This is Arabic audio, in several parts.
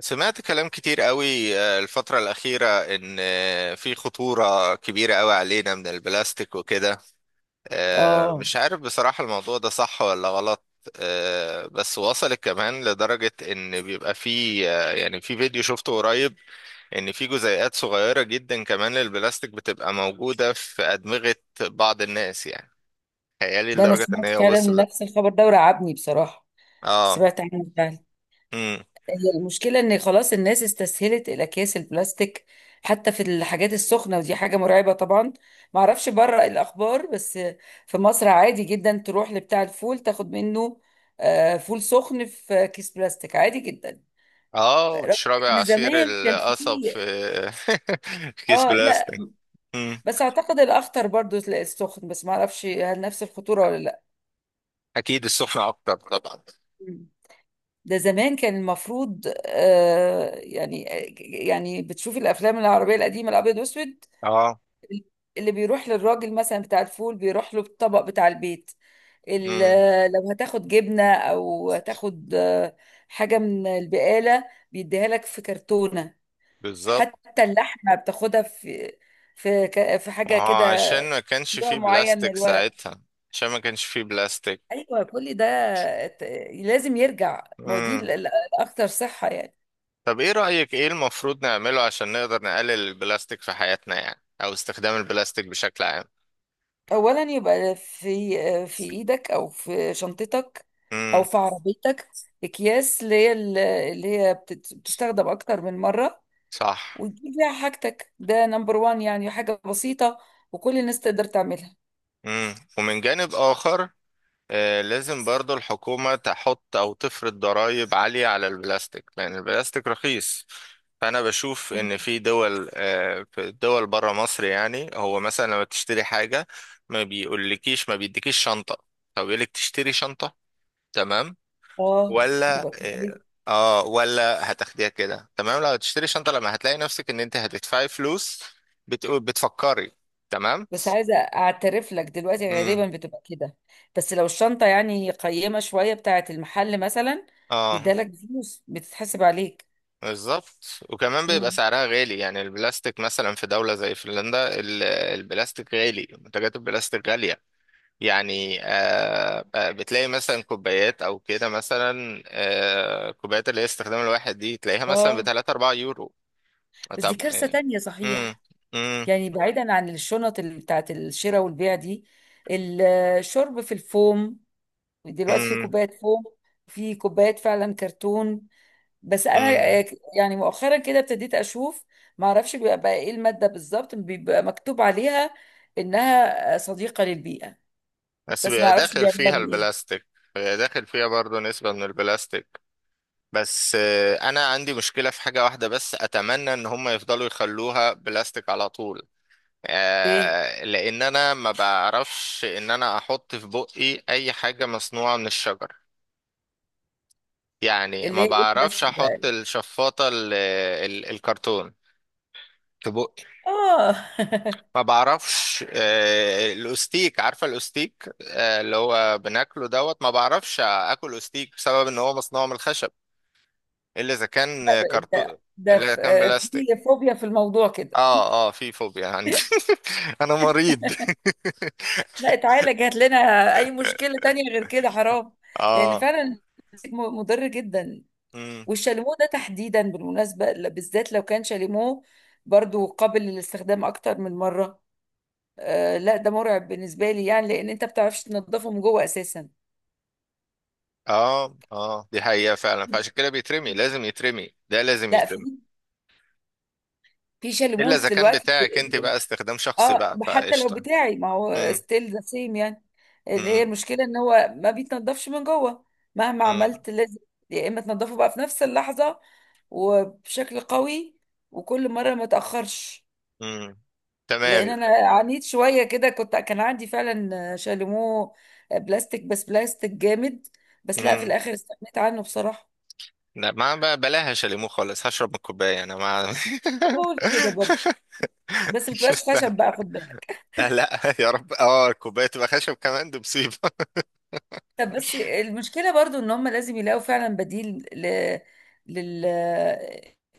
سمعت كلام كتير قوي الفترة الأخيرة، إن في خطورة كبيرة قوي علينا من البلاستيك وكده. اه، مش عارف بصراحة الموضوع ده صح ولا غلط. بس وصلت كمان لدرجة إن بيبقى في، يعني في فيديو شفته قريب، إن في جزيئات صغيرة جدا كمان للبلاستيك بتبقى موجودة في أدمغة بعض الناس يعني. تخيلي ده انا لدرجة إن سمعت هي فعلا وصلت. نفس الخبر ده ورعبني بصراحه. آه. سمعت عنه فعلا. مم. هي المشكله ان خلاص الناس استسهلت الاكياس البلاستيك حتى في الحاجات السخنه، ودي حاجه مرعبه طبعا. ما اعرفش بره الاخبار، بس في مصر عادي جدا تروح لبتاع الفول تاخد منه فول سخن في كيس بلاستيك عادي جدا، اه، رغم وتشربي ان عصير زمان كان في. القصب في في كيس اه، لا، بلاستيك. مم. بس اعتقد الاخطر برضو السخن، بس ما اعرفش هل نفس الخطوره ولا. اكيد السخنة اكتر طبعا. لا، ده زمان كان المفروض يعني بتشوفي الافلام العربيه القديمه الابيض واسود، اه. اللي بيروح للراجل مثلا بتاع الفول بيروح له الطبق بتاع البيت. مم. لو هتاخد جبنه او هتاخد حاجه من البقاله، بيديها لك في كرتونه. بالظبط. حتى اللحمه بتاخدها في حاجه اه، كده، عشان ما كانش نوع فيه معين من بلاستيك الورق. ساعتها. عشان ما كانش فيه بلاستيك. ايوه، كل ده ت- لازم يرجع، ما هو دي مم. الاكتر صحه يعني. طب ايه رأيك، ايه المفروض نعمله عشان نقدر نقلل البلاستيك في حياتنا يعني، او استخدام البلاستيك بشكل عام؟ اولا، يبقى في ايدك او في شنطتك او مم. في عربيتك اكياس اللي هي بتستخدم اكتر من مره، صح. وتجيب فيها حاجتك. ده نمبر وان، يعني حاجه بسيطه وكل الناس تقدر تعملها. مم. ومن جانب اخر، لازم برضو الحكومة تحط أو تفرض ضرائب عالية على البلاستيك لأن البلاستيك رخيص. فأنا بشوف إن في دول، في دول برا مصر، يعني هو مثلا لما تشتري حاجة ما بيقولكيش، ما بيديكيش شنطة، هو بيقولك تشتري شنطة. تمام؟ اه، ولا بتبقى آه، كويس. ولا هتاخديها كده. تمام. لو هتشتري شنطة، لما هتلاقي نفسك إن أنت هتدفعي فلوس، بتقول، بتفكري. تمام. بس عايزه اعترف لك دلوقتي مم. غالبا بتبقى كده. بس لو الشنطه يعني قيمه شويه بتاعه المحل مثلا، اه. بيدالك فلوس بتتحسب عليك. بالظبط. وكمان بيبقى مم. سعرها غالي. يعني البلاستيك مثلا في دولة زي فنلندا البلاستيك غالي، منتجات البلاستيك غالية. يعني بتلاقي مثلا كوبايات او كده، مثلا كوبايات اللي هي استخدام الواحد دي، تلاقيها مثلا اه، بـ3 أو 4 يورو. بس دي طب، كارثه تانية مم، صحيح. مم، يعني بعيدا عن الشنط اللي بتاعت الشراء والبيع دي، الشرب في الفوم. دلوقتي في مم، كوبايات فوم، في كوبايات فعلا كرتون، بس انا مم. آه، يعني مؤخرا كده ابتديت اشوف. ما اعرفش بيبقى بقى ايه المادة بالظبط، بيبقى مكتوب عليها انها صديقة للبيئة، بس بس ما بيبقى اعرفش داخل بيعملوها فيها من ايه. البلاستيك. بيبقى داخل فيها برضو نسبة من البلاستيك. بس انا عندي مشكلة في حاجة واحدة بس، اتمنى ان هم يفضلوا يخلوها بلاستيك على طول. ايه، لان انا ما بعرفش ان انا احط في بقي اي حاجة مصنوعة من الشجر. يعني اللي ما هي ايه، بعرفش البلاستيك احط ده؟ الشفاطة الكرتون في بقي. اه. ما بعرفش الاستيك، عارفة الاستيك، اللي هو بناكله دوت، ما بعرفش اكل استيك بسبب ان هو مصنوع من الخشب. الا اذا كان ده كرتون. ده الا اذا في كان آه، في بلاستيك. فوبيا في الموضوع كده. اه، اه في فوبيا عندي. انا مريض. لا، اتعالج، هات لنا اي مشكله تانية غير كده، حرام. لان اه. فعلا مضر جدا. امم. والشاليمو ده تحديدا بالمناسبه، بالذات لو كان شاليمو برضو قابل للاستخدام اكتر من مره. آه، لا، ده مرعب بالنسبه لي يعني، لان انت بتعرفش تنضفه من جوه اساسا. اه، اه دي حقيقة فعلا، فعشان كده بيترمي، لازم يترمي، ده لازم لا، يترمي. في الا شاليموز اذا كان دلوقتي. بتاعك انت بقى، استخدام شخصي اه، بقى حتى لو فقشطة. بتاعي، ما هو امم. ستيل ذا سيم يعني، اللي هي امم. المشكله ان هو ما بيتنضفش من جوه. مهما امم. عملت، لازم يا اما تنضفه بقى في نفس اللحظه وبشكل قوي، وكل مره ما تاخرش. امم. لان تمام. انا عانيت شويه كده، كان عندي فعلا شاليمو بلاستيك، بس بلاستيك جامد، بس لا، في امم. الاخر استغنيت عنه بصراحه. لا، ما بقى بلاهاش ليمو خالص، هشرب من الكوباية انا، ما... انا بقول كده برضه، بس ما مش تبقاش مستاهل. خشب بقى، خد بالك. لا لا، يا رب، اه الكوباية تبقى خشب كمان دي مصيبة. طب بس المشكلة برضو ان هم لازم يلاقوا فعلا بديل. ل... لل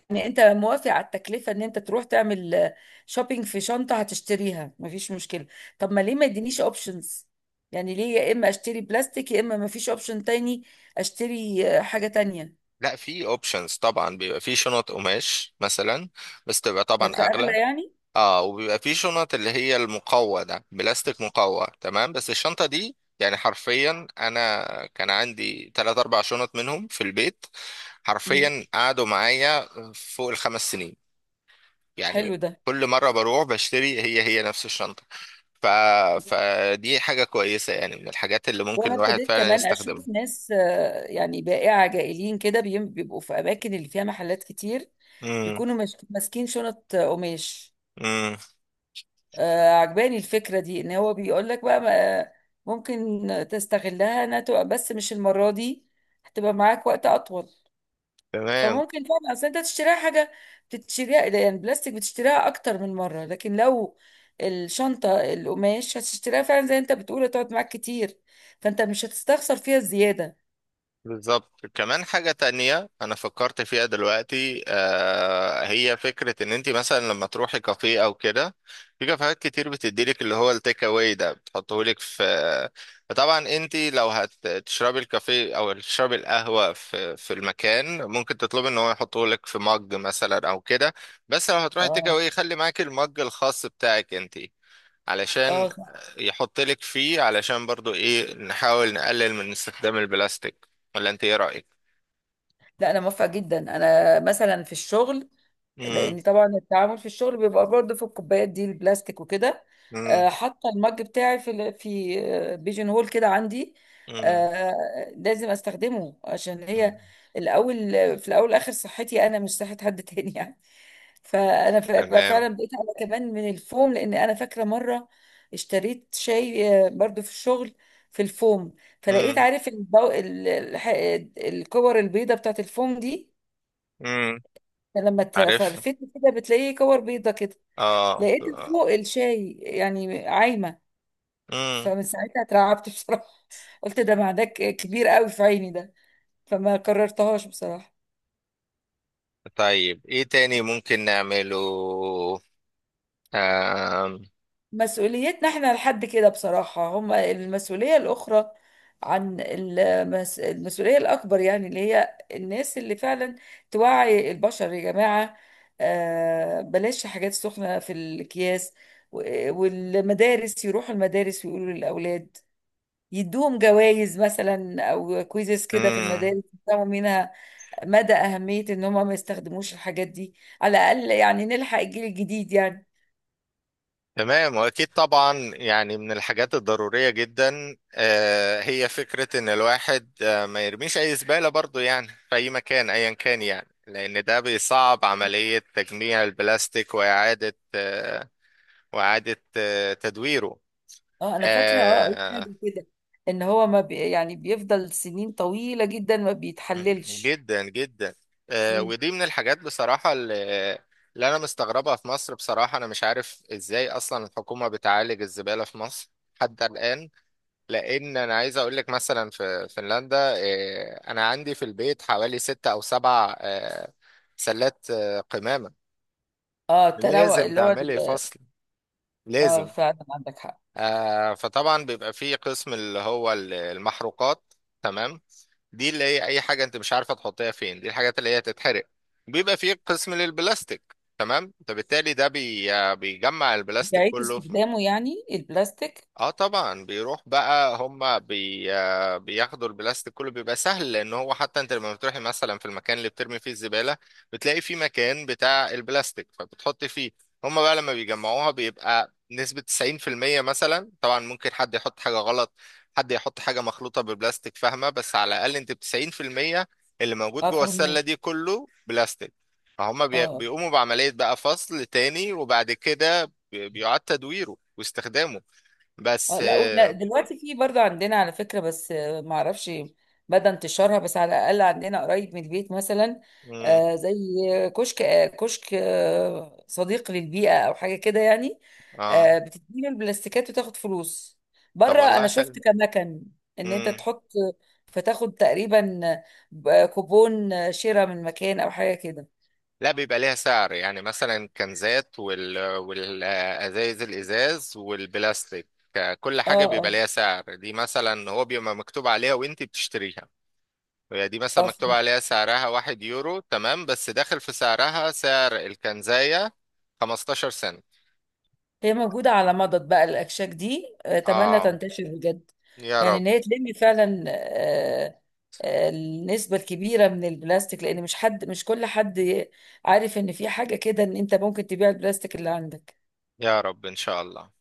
يعني انت موافق على التكلفة ان انت تروح تعمل شوبينج في شنطة هتشتريها، مفيش مشكلة. طب ما ليه ما يدينيش اوبشنز؟ يعني ليه يا اما اشتري بلاستيك يا اما مفيش اوبشن تاني اشتري حاجة تانية. لا، في اوبشنز طبعا، بيبقى في شنط قماش مثلا. بس تبقى طبعا بس اغلى اغلى. يعني. اه، وبيبقى في شنط اللي هي المقوى ده، بلاستيك مقوى. تمام. بس الشنطة دي يعني حرفيا انا كان عندي تلات اربع شنط منهم في البيت. مم. حرفيا قعدوا معايا فوق الـ5 سنين يعني. حلو ده. كل مرة بروح بشتري هي هي نفس الشنطة. ف... فدي حاجة كويسة يعني، من الحاجات اللي ممكن وانا الواحد ابتديت فعلا كمان اشوف يستخدمها. ناس يعني بائعة جائلين كده بيبقوا في اماكن اللي فيها محلات كتير، امم. بيكونوا ماسكين شنط قماش. امم. عجباني الفكرة دي، ان هو بيقول لك بقى ممكن تستغلها انها تبقى، بس مش المرة دي، هتبقى معاك وقت اطول. تمام. فممكن فعلا، اصل انت تشتريها حاجة بتشتريها يعني بلاستيك بتشتريها اكتر من مرة، لكن لو الشنطة القماش هتشتريها، فعلا زي انت بتقول هتقعد معاك كتير، فانت مش هتستخسر فيها الزيادة. بالظبط. كمان حاجة تانية أنا فكرت فيها دلوقتي، هي فكرة إن أنت مثلا لما تروحي كافيه أو كده، في كافيهات كتير بتديلك اللي هو التيك أواي ده، بتحطهولك في... فطبعا أنت لو هتشربي الكافيه أو تشربي القهوة في المكان، ممكن تطلبي إن هو يحطهولك في مج مثلا أو كده. بس لو هتروحي تيك اه، أواي، خلي معاكي المج الخاص بتاعك أنت، علشان اه، صح. يحط لك فيه، علشان برضو ايه، نحاول نقلل من استخدام البلاستيك. ولا انت ايه رأيك؟ لا، انا موافقه جدا. انا مثلا في الشغل، مم. لان طبعا التعامل في الشغل بيبقى برضه في الكوبايات دي البلاستيك وكده، مم. حاطه المج بتاعي في بيجن هول كده عندي. مم. لازم استخدمه، عشان هي مم. الاول. في الاول والاخر صحتي انا، مش صحه حد تاني يعني. فانا بقى تمام. فعلا بقيت انا كمان من الفوم، لان انا فاكره مره اشتريت شاي برضو في الشغل في الفوم، فلقيت، مم. عارف، الكور البيضه بتاعت الفوم دي، مم. لما عارف. تفرفته كده بتلاقيه كور بيضة كده، اه. لقيتها فوق الشاي يعني عايمة. مم. فمن ساعتها اترعبت بصراحة، قلت ده معدك كبير قوي في عيني ده، فما قررتهاش بصراحة. طيب ايه تاني ممكن نعمله؟ آم. مسؤوليتنا احنا لحد كده بصراحة. هم المسؤولية الأخرى، عن المس... المسؤولية الأكبر يعني اللي هي الناس اللي فعلا توعي البشر يا جماعة. آه، بلاش حاجات سخنة في الأكياس. والمدارس، يروحوا المدارس ويقولوا للأولاد، يدوهم جوائز مثلا او كويزز كده في مم. المدارس، يفهموا منها مدى اهميه ان هم ما يستخدموش الحاجات دي، على الاقل يعني نلحق الجيل الجديد يعني. تمام. واكيد طبعا، يعني من الحاجات الضروريه جدا، هي فكره ان الواحد ما يرميش اي زباله برضو يعني في اي مكان ايا كان يعني، لان ده بيصعب عمليه تجميع البلاستيك واعاده، تدويره. اه، انا فاكره، قريت آه، حاجه كده ان هو ما بي، يعني بيفضل سنين طويله جدا ما بيتحللش. جدا جدا. مم. ودي من الحاجات بصراحه اللي، اللي انا مستغربها في مصر بصراحه. انا مش عارف ازاي اصلا الحكومه بتعالج الزباله في مصر حتى الان. لان انا عايز اقول لك، مثلا في فنلندا، انا عندي في البيت حوالي 6 أو 7 سلات قمامة. اه، التنوع لازم اللي هو تعملي ال-. فصل، اه، لازم. فعلا عندك حق. فطبعا بيبقى فيه قسم اللي هو المحروقات. تمام. دي اللي هي اي حاجة انت مش عارفة تحطيها فين، دي الحاجات اللي هي تتحرق. بيبقى فيه قسم للبلاستيك. تمام. فبالتالي ده بيجمع البلاستيك بيعيد كله. استخدامه يعني البلاستيك. اه طبعا، بيروح بقى هما بي آه بياخدوا البلاستيك كله، بيبقى سهل. لان هو حتى انت لما بتروحي مثلا في المكان اللي بترمي فيه الزبالة، بتلاقي فيه مكان بتاع البلاستيك فبتحطي فيه. هما بقى لما بيجمعوها بيبقى نسبة 90% مثلا. طبعا ممكن حد يحط حاجة غلط، حد يحط حاجة مخلوطة بالبلاستيك، فاهمة؟ بس على الأقل انت ب 90% اللي موجود اه، جوه السلة فهمك. دي كله بلاستيك. فهم اه، بيقوموا بعملية بقى فصل تاني، وبعد كده بيعاد تدويره واستخدامه. اه، بس. لا، دلوقتي في برضه عندنا على فكرة، بس ما اعرفش بدأ انتشارها، بس على الأقل عندنا قريب من البيت مثلا، امم. زي كشك صديق للبيئة أو حاجة كده يعني، اه. بتديله البلاستيكات وتاخد فلوس. طب بره والله أنا حلو. شفت كمكن إن أنت امم. تحط، فتاخد تقريبا كوبون شراء من مكان أو حاجة كده. لا، بيبقى ليها سعر. يعني مثلا الكنزات والازايز، الازاز والبلاستيك، كل اه، حاجه بيبقى اه، ليها سعر. دي مثلا هو بيبقى مكتوب عليها وانت بتشتريها. هي دي مثلا اه، مكتوب عليها سعرها 1 يورو، تمام، بس داخل في سعرها سعر الكنزايه 15 سنت. هي موجودة على مضض بقى الأكشاك دي، أتمنى اه. تنتشر بجد، يا يعني رب. إن هي تلم فعلا النسبة الكبيرة من البلاستيك، لأن مش حد، مش كل حد عارف إن في حاجة كده، إن أنت ممكن تبيع البلاستيك اللي عندك. يا رب ان شاء الله.